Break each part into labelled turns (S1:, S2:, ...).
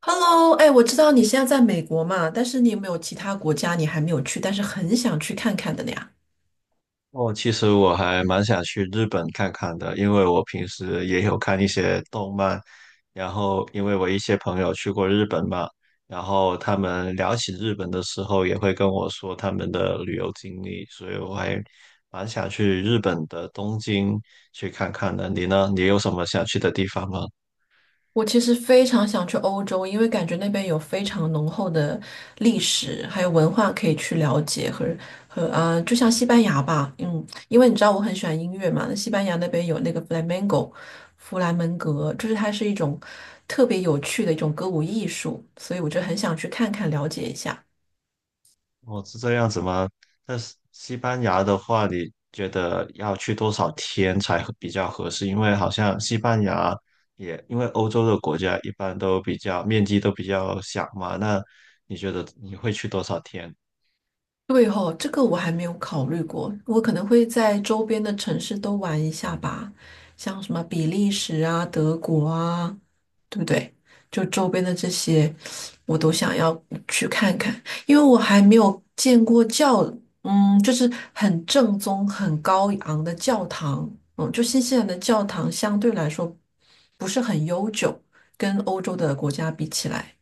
S1: Hello，哎，我知道你现在在美国嘛，但是你有没有其他国家你还没有去，但是很想去看看的呀？
S2: 哦，其实我还蛮想去日本看看的，因为我平时也有看一些动漫，然后因为我一些朋友去过日本嘛，然后他们聊起日本的时候也会跟我说他们的旅游经历，所以我还蛮想去日本的东京去看看的。你呢？你有什么想去的地方吗？
S1: 我其实非常想去欧洲，因为感觉那边有非常浓厚的历史，还有文化可以去了解和就像西班牙吧，嗯，因为你知道我很喜欢音乐嘛，那西班牙那边有那个 flamenco，弗兰门格，就是它是一种特别有趣的一种歌舞艺术，所以我就很想去看看了解一下。
S2: 哦，是这样子吗？但是西班牙的话，你觉得要去多少天才合比较合适？因为好像西班牙也，因为欧洲的国家一般都比较面积都比较小嘛，那你觉得你会去多少天？
S1: 对哦，这个我还没有考虑过，我可能会在周边的城市都玩一下吧，像什么比利时啊、德国啊，对不对？就周边的这些，我都想要去看看，因为我还没有见过教，嗯，就是很正宗、很高昂的教堂。嗯，就新西兰的教堂相对来说不是很悠久，跟欧洲的国家比起来。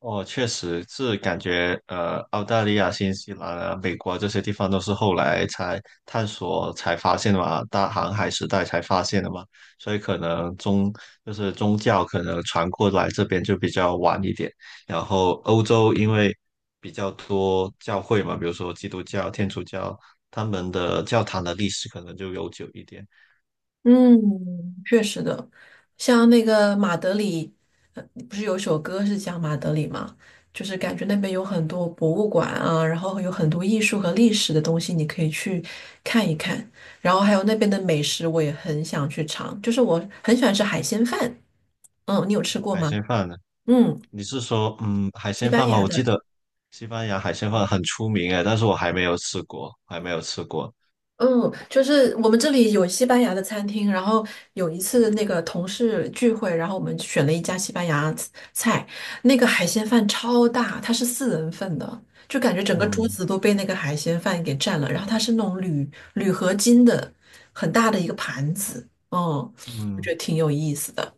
S2: 哦，确实是感觉，澳大利亚、新西兰啊、美国啊这些地方都是后来才探索、才发现的嘛，大航海时代才发现的嘛，所以可能宗就是宗教可能传过来这边就比较晚一点。然后欧洲因为比较多教会嘛，比如说基督教、天主教，他们的教堂的历史可能就悠久一点。
S1: 嗯，确实的，像那个马德里，呃，不是有一首歌是讲马德里吗？就是感觉那边有很多博物馆啊，然后有很多艺术和历史的东西，你可以去看一看。然后还有那边的美食，我也很想去尝，就是我很喜欢吃海鲜饭。嗯，你有吃过
S2: 海
S1: 吗？
S2: 鲜饭呢？
S1: 嗯，
S2: 你是说嗯海
S1: 西
S2: 鲜
S1: 班
S2: 饭吗？
S1: 牙
S2: 我记
S1: 的。
S2: 得西班牙海鲜饭很出名哎，但是我还没有吃过，还没有吃过。
S1: 嗯，就是我们这里有西班牙的餐厅，然后有一次那个同事聚会，然后我们选了一家西班牙菜，那个海鲜饭超大，它是四人份的，就感觉整个桌
S2: 嗯
S1: 子都被那个海鲜饭给占了。然后它是那种铝合金的很大的一个盘子，嗯，我觉
S2: 嗯，
S1: 得挺有意思的。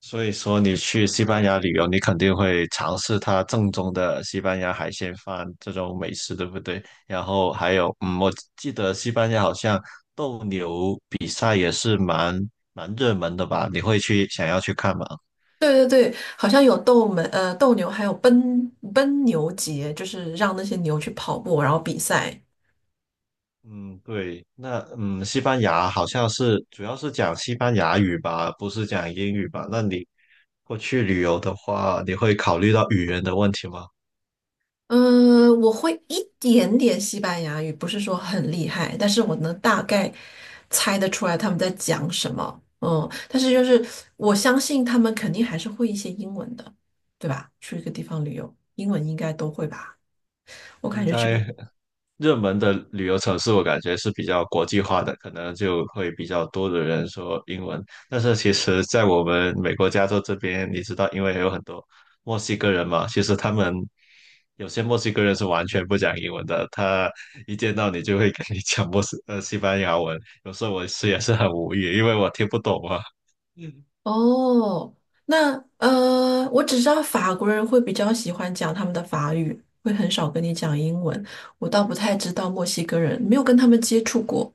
S2: 所以说你去西班牙旅游，你肯定会尝试它正宗的西班牙海鲜饭这种美食，对不对？然后还有嗯，我记得西班牙好像斗牛比赛也是蛮热门的吧？你会去想要去看吗？
S1: 对对对，好像有斗牛，还有奔牛节，就是让那些牛去跑步，然后比赛。
S2: 嗯，对，那嗯，西班牙好像是主要是讲西班牙语吧，不是讲英语吧？那你过去旅游的话，你会考虑到语言的问题吗？
S1: 嗯，我会一点点西班牙语，不是说很厉害，但是我能大概猜得出来他们在讲什么。嗯，但是就是我相信他们肯定还是会一些英文的，对吧？去一个地方旅游，英文应该都会吧？我感
S2: 应
S1: 觉这个。
S2: 该热门的旅游城市，我感觉是比较国际化的，可能就会比较多的人说英文。但是其实，在我们美国加州这边，你知道，因为有很多墨西哥人嘛，其实他们有些墨西哥人是完全不讲英文的，他一见到你就会跟你讲西班牙文，有时候我是也是很无语，因为我听不懂啊。
S1: 哦，那我只知道法国人会比较喜欢讲他们的法语，会很少跟你讲英文。我倒不太知道墨西哥人，没有跟他们接触过。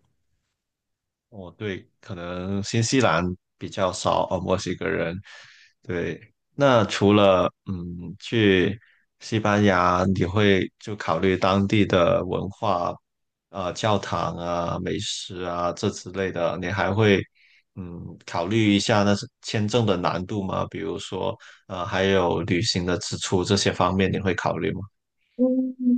S2: 哦，对，可能新西兰比较少哦，墨西哥人。对，那除了嗯去西班牙，你会就考虑当地的文化，教堂啊、美食啊这之类的，你还会嗯考虑一下那是签证的难度吗？比如说还有旅行的支出这些方面，你会考虑吗？
S1: 嗯，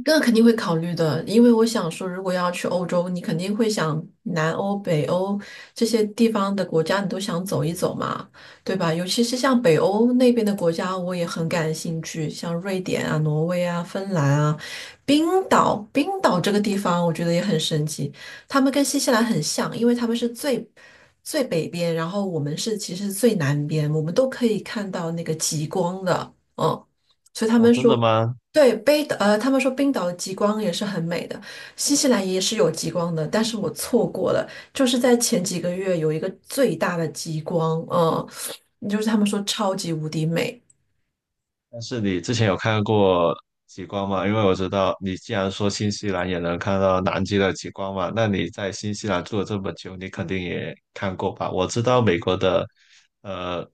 S1: 这个肯定会考虑的，因为我想说，如果要去欧洲，你肯定会想南欧、北欧这些地方的国家，你都想走一走嘛，对吧？尤其是像北欧那边的国家，我也很感兴趣，像瑞典啊、挪威啊、芬兰啊、冰岛。冰岛这个地方，我觉得也很神奇，他们跟新西兰很像，因为他们是最北边，然后我们是其实是最南边，我们都可以看到那个极光的。嗯。所以他
S2: 哦，
S1: 们
S2: 真
S1: 说，
S2: 的吗？
S1: 对，北岛，他们说冰岛的极光也是很美的，新西兰也是有极光的，但是我错过了，就是在前几个月有一个最大的极光，嗯，就是他们说超级无敌美。
S2: 但是你之前有看过极光吗？因为我知道你既然说新西兰也能看到南极的极光嘛，那你在新西兰住了这么久，你肯定也看过吧？我知道美国的，呃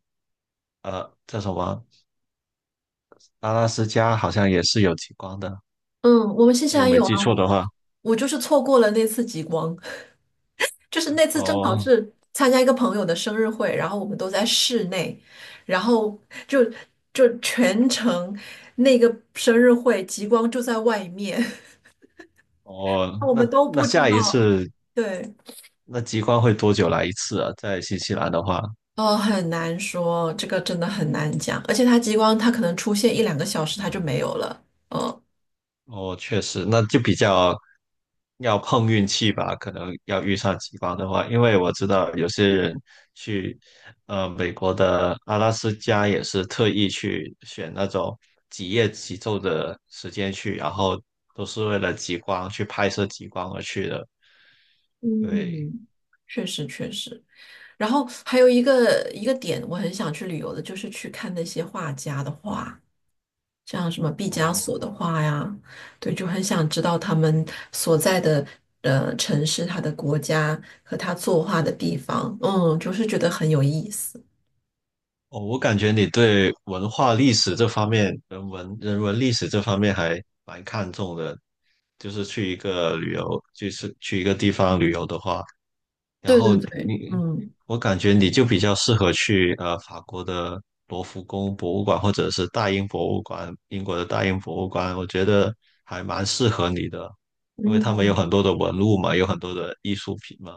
S2: 叫什么阿拉斯加好像也是有极光的，
S1: 嗯，我们新西
S2: 如果
S1: 兰
S2: 没
S1: 有啊，
S2: 记错
S1: 我
S2: 的话。
S1: 我就是错过了那次极光，就是那次正好
S2: 哦
S1: 是参加一个朋友的生日会，然后我们都在室内，然后就就全程那个生日会极光就在外面，
S2: 哦，
S1: 我们
S2: 那
S1: 都
S2: 那
S1: 不知
S2: 下一
S1: 道，
S2: 次
S1: 对。
S2: 那极光会多久来一次啊？在新西兰的话，
S1: 哦，很难说，这个真的很难讲，而且它激光它可能出现一两个小时它就没有了。嗯，
S2: 哦，确实，那就比较要碰运气吧，可能要遇上极光的话，因为我知道有些人去美国的阿拉斯加也是特意去选那种几夜几昼的时间去，然后都是为了极光去拍摄极光而去的。对，
S1: 嗯，确实确实，然后还有一个点，我很想去旅游的，就是去看那些画家的画，像什么毕加
S2: 哦，
S1: 索的画呀，对，就很想知道他们所在的城市、他的国家和他作画的地方，嗯，就是觉得很有意思。
S2: 哦，我感觉你对文化历史这方面、人文历史这方面还蛮看重的。就是去一个旅游，就是去一个地方旅游的话，然
S1: 对
S2: 后
S1: 对对。
S2: 你，
S1: 嗯。
S2: 我感觉你就比较适合去法国的罗浮宫博物馆或者是大英博物馆，英国的大英博物馆，我觉得还蛮适合你的，因为他们有很多的文物嘛，有很多的艺术品嘛。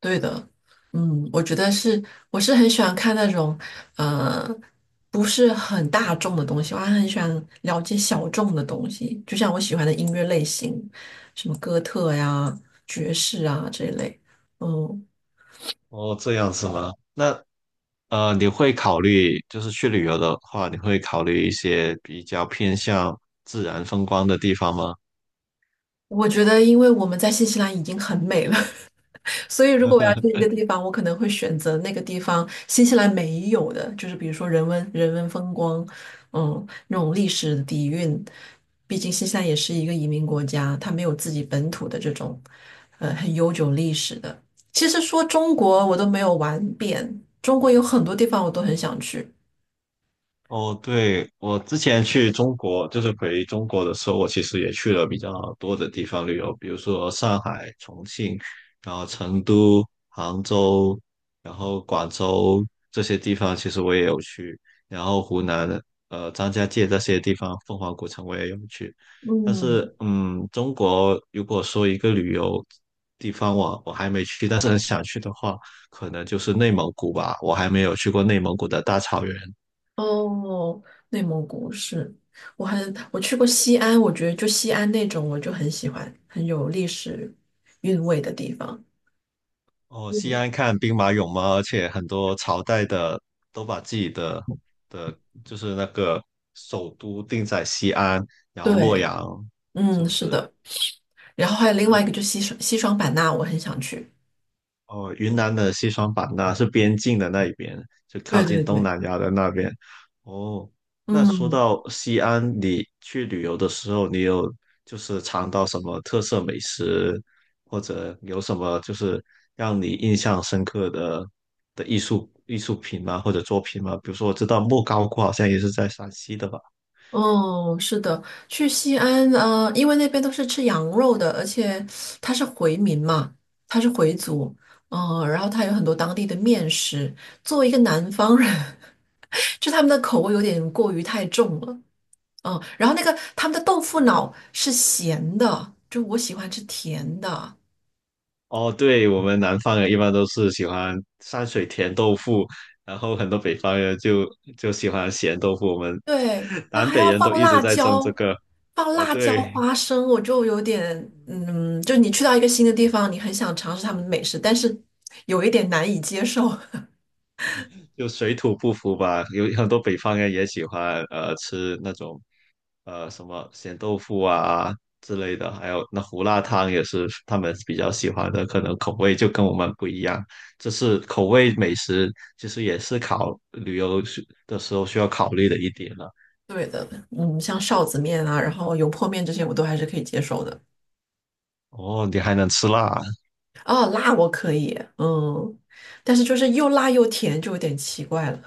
S1: 对的，嗯，我觉得是，我是很喜欢看那种，呃，不是很大众的东西，我还很喜欢了解小众的东西，就像我喜欢的音乐类型，什么哥特呀、爵士啊这一类。嗯，
S2: 哦，这样是吗？那你会考虑，就是去旅游的话，你会考虑一些比较偏向自然风光的地方吗？
S1: 我觉得因为我们在新西兰已经很美了，所以，如果我要去一个地方，我可能会选择那个地方新西兰没有的，就是比如说人文风光，嗯，那种历史底蕴。毕竟新西兰也是一个移民国家，它没有自己本土的这种，很悠久历史的。其实说中国，我都没有玩遍，中国有很多地方我都很想去。
S2: 哦，对，我之前去中国，就是回中国的时候，我其实也去了比较多的地方旅游，比如说上海、重庆，然后成都、杭州，然后广州这些地方，其实我也有去，然后湖南的张家界这些地方，凤凰古城我也有去。但
S1: 嗯，
S2: 是，嗯，中国如果说一个旅游地方我还没去，但是很想去的话，可能就是内蒙古吧，我还没有去过内蒙古的大草原。
S1: 哦，内蒙古是，我去过西安，我觉得就西安那种我就很喜欢，很有历史韵味的地方。
S2: 哦，西
S1: 嗯，
S2: 安看兵马俑嘛，而且很多朝代的都把自己的的，就是那个首都定在西安，然后洛
S1: 对，
S2: 阳，是
S1: 嗯，
S2: 不
S1: 是
S2: 是？
S1: 的。然后还有另
S2: 那
S1: 外一
S2: 你。
S1: 个就是西双版纳，我很想去。
S2: 哦，云南的西双版纳是边境的那一边，就
S1: 对
S2: 靠
S1: 对
S2: 近东
S1: 对。
S2: 南亚的那边。哦，那说
S1: 嗯，
S2: 到西安，你去旅游的时候，你有就是尝到什么特色美食，或者有什么就是让你印象深刻的的艺术品吗？或者作品吗？比如说，我知道莫高窟好像也是在陕西的吧。
S1: 哦，是的，去西安，呃，因为那边都是吃羊肉的，而且他是回民嘛，他是回族，嗯、然后他有很多当地的面食。作为一个南方人，就他们的口味有点过于太重了，嗯、然后那个他们的豆腐脑是咸的，就我喜欢吃甜的，
S2: 哦，对，我们南方人一般都是喜欢山水甜豆腐，然后很多北方人就喜欢咸豆腐。我们
S1: 对，它
S2: 南
S1: 还
S2: 北
S1: 要
S2: 人
S1: 放
S2: 都一直
S1: 辣
S2: 在争这
S1: 椒，
S2: 个。
S1: 放
S2: 哦，
S1: 辣椒
S2: 对，
S1: 花生，我就有点，嗯，就你去到一个新的地方，你很想尝试他们的美食，但是有一点难以接受。
S2: 就水土不服吧。有很多北方人也喜欢吃那种什么咸豆腐啊之类的，还有那胡辣汤也是他们比较喜欢的，可能口味就跟我们不一样。这是口味美食，其实也是考旅游时的时候需要考虑的一点了。
S1: 对的，嗯，像臊子面啊，然后油泼面这些，我都还是可以接受的。
S2: 哦，你还能吃辣？
S1: 哦，辣我可以，嗯，但是就是又辣又甜，就有点奇怪了。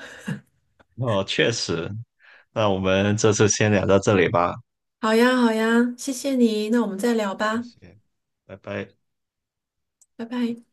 S2: 哦，确实。那我们这次先聊到这里吧。
S1: 好呀，好呀，谢谢你，那我们再聊
S2: 谢
S1: 吧，
S2: 谢，拜拜。
S1: 拜拜。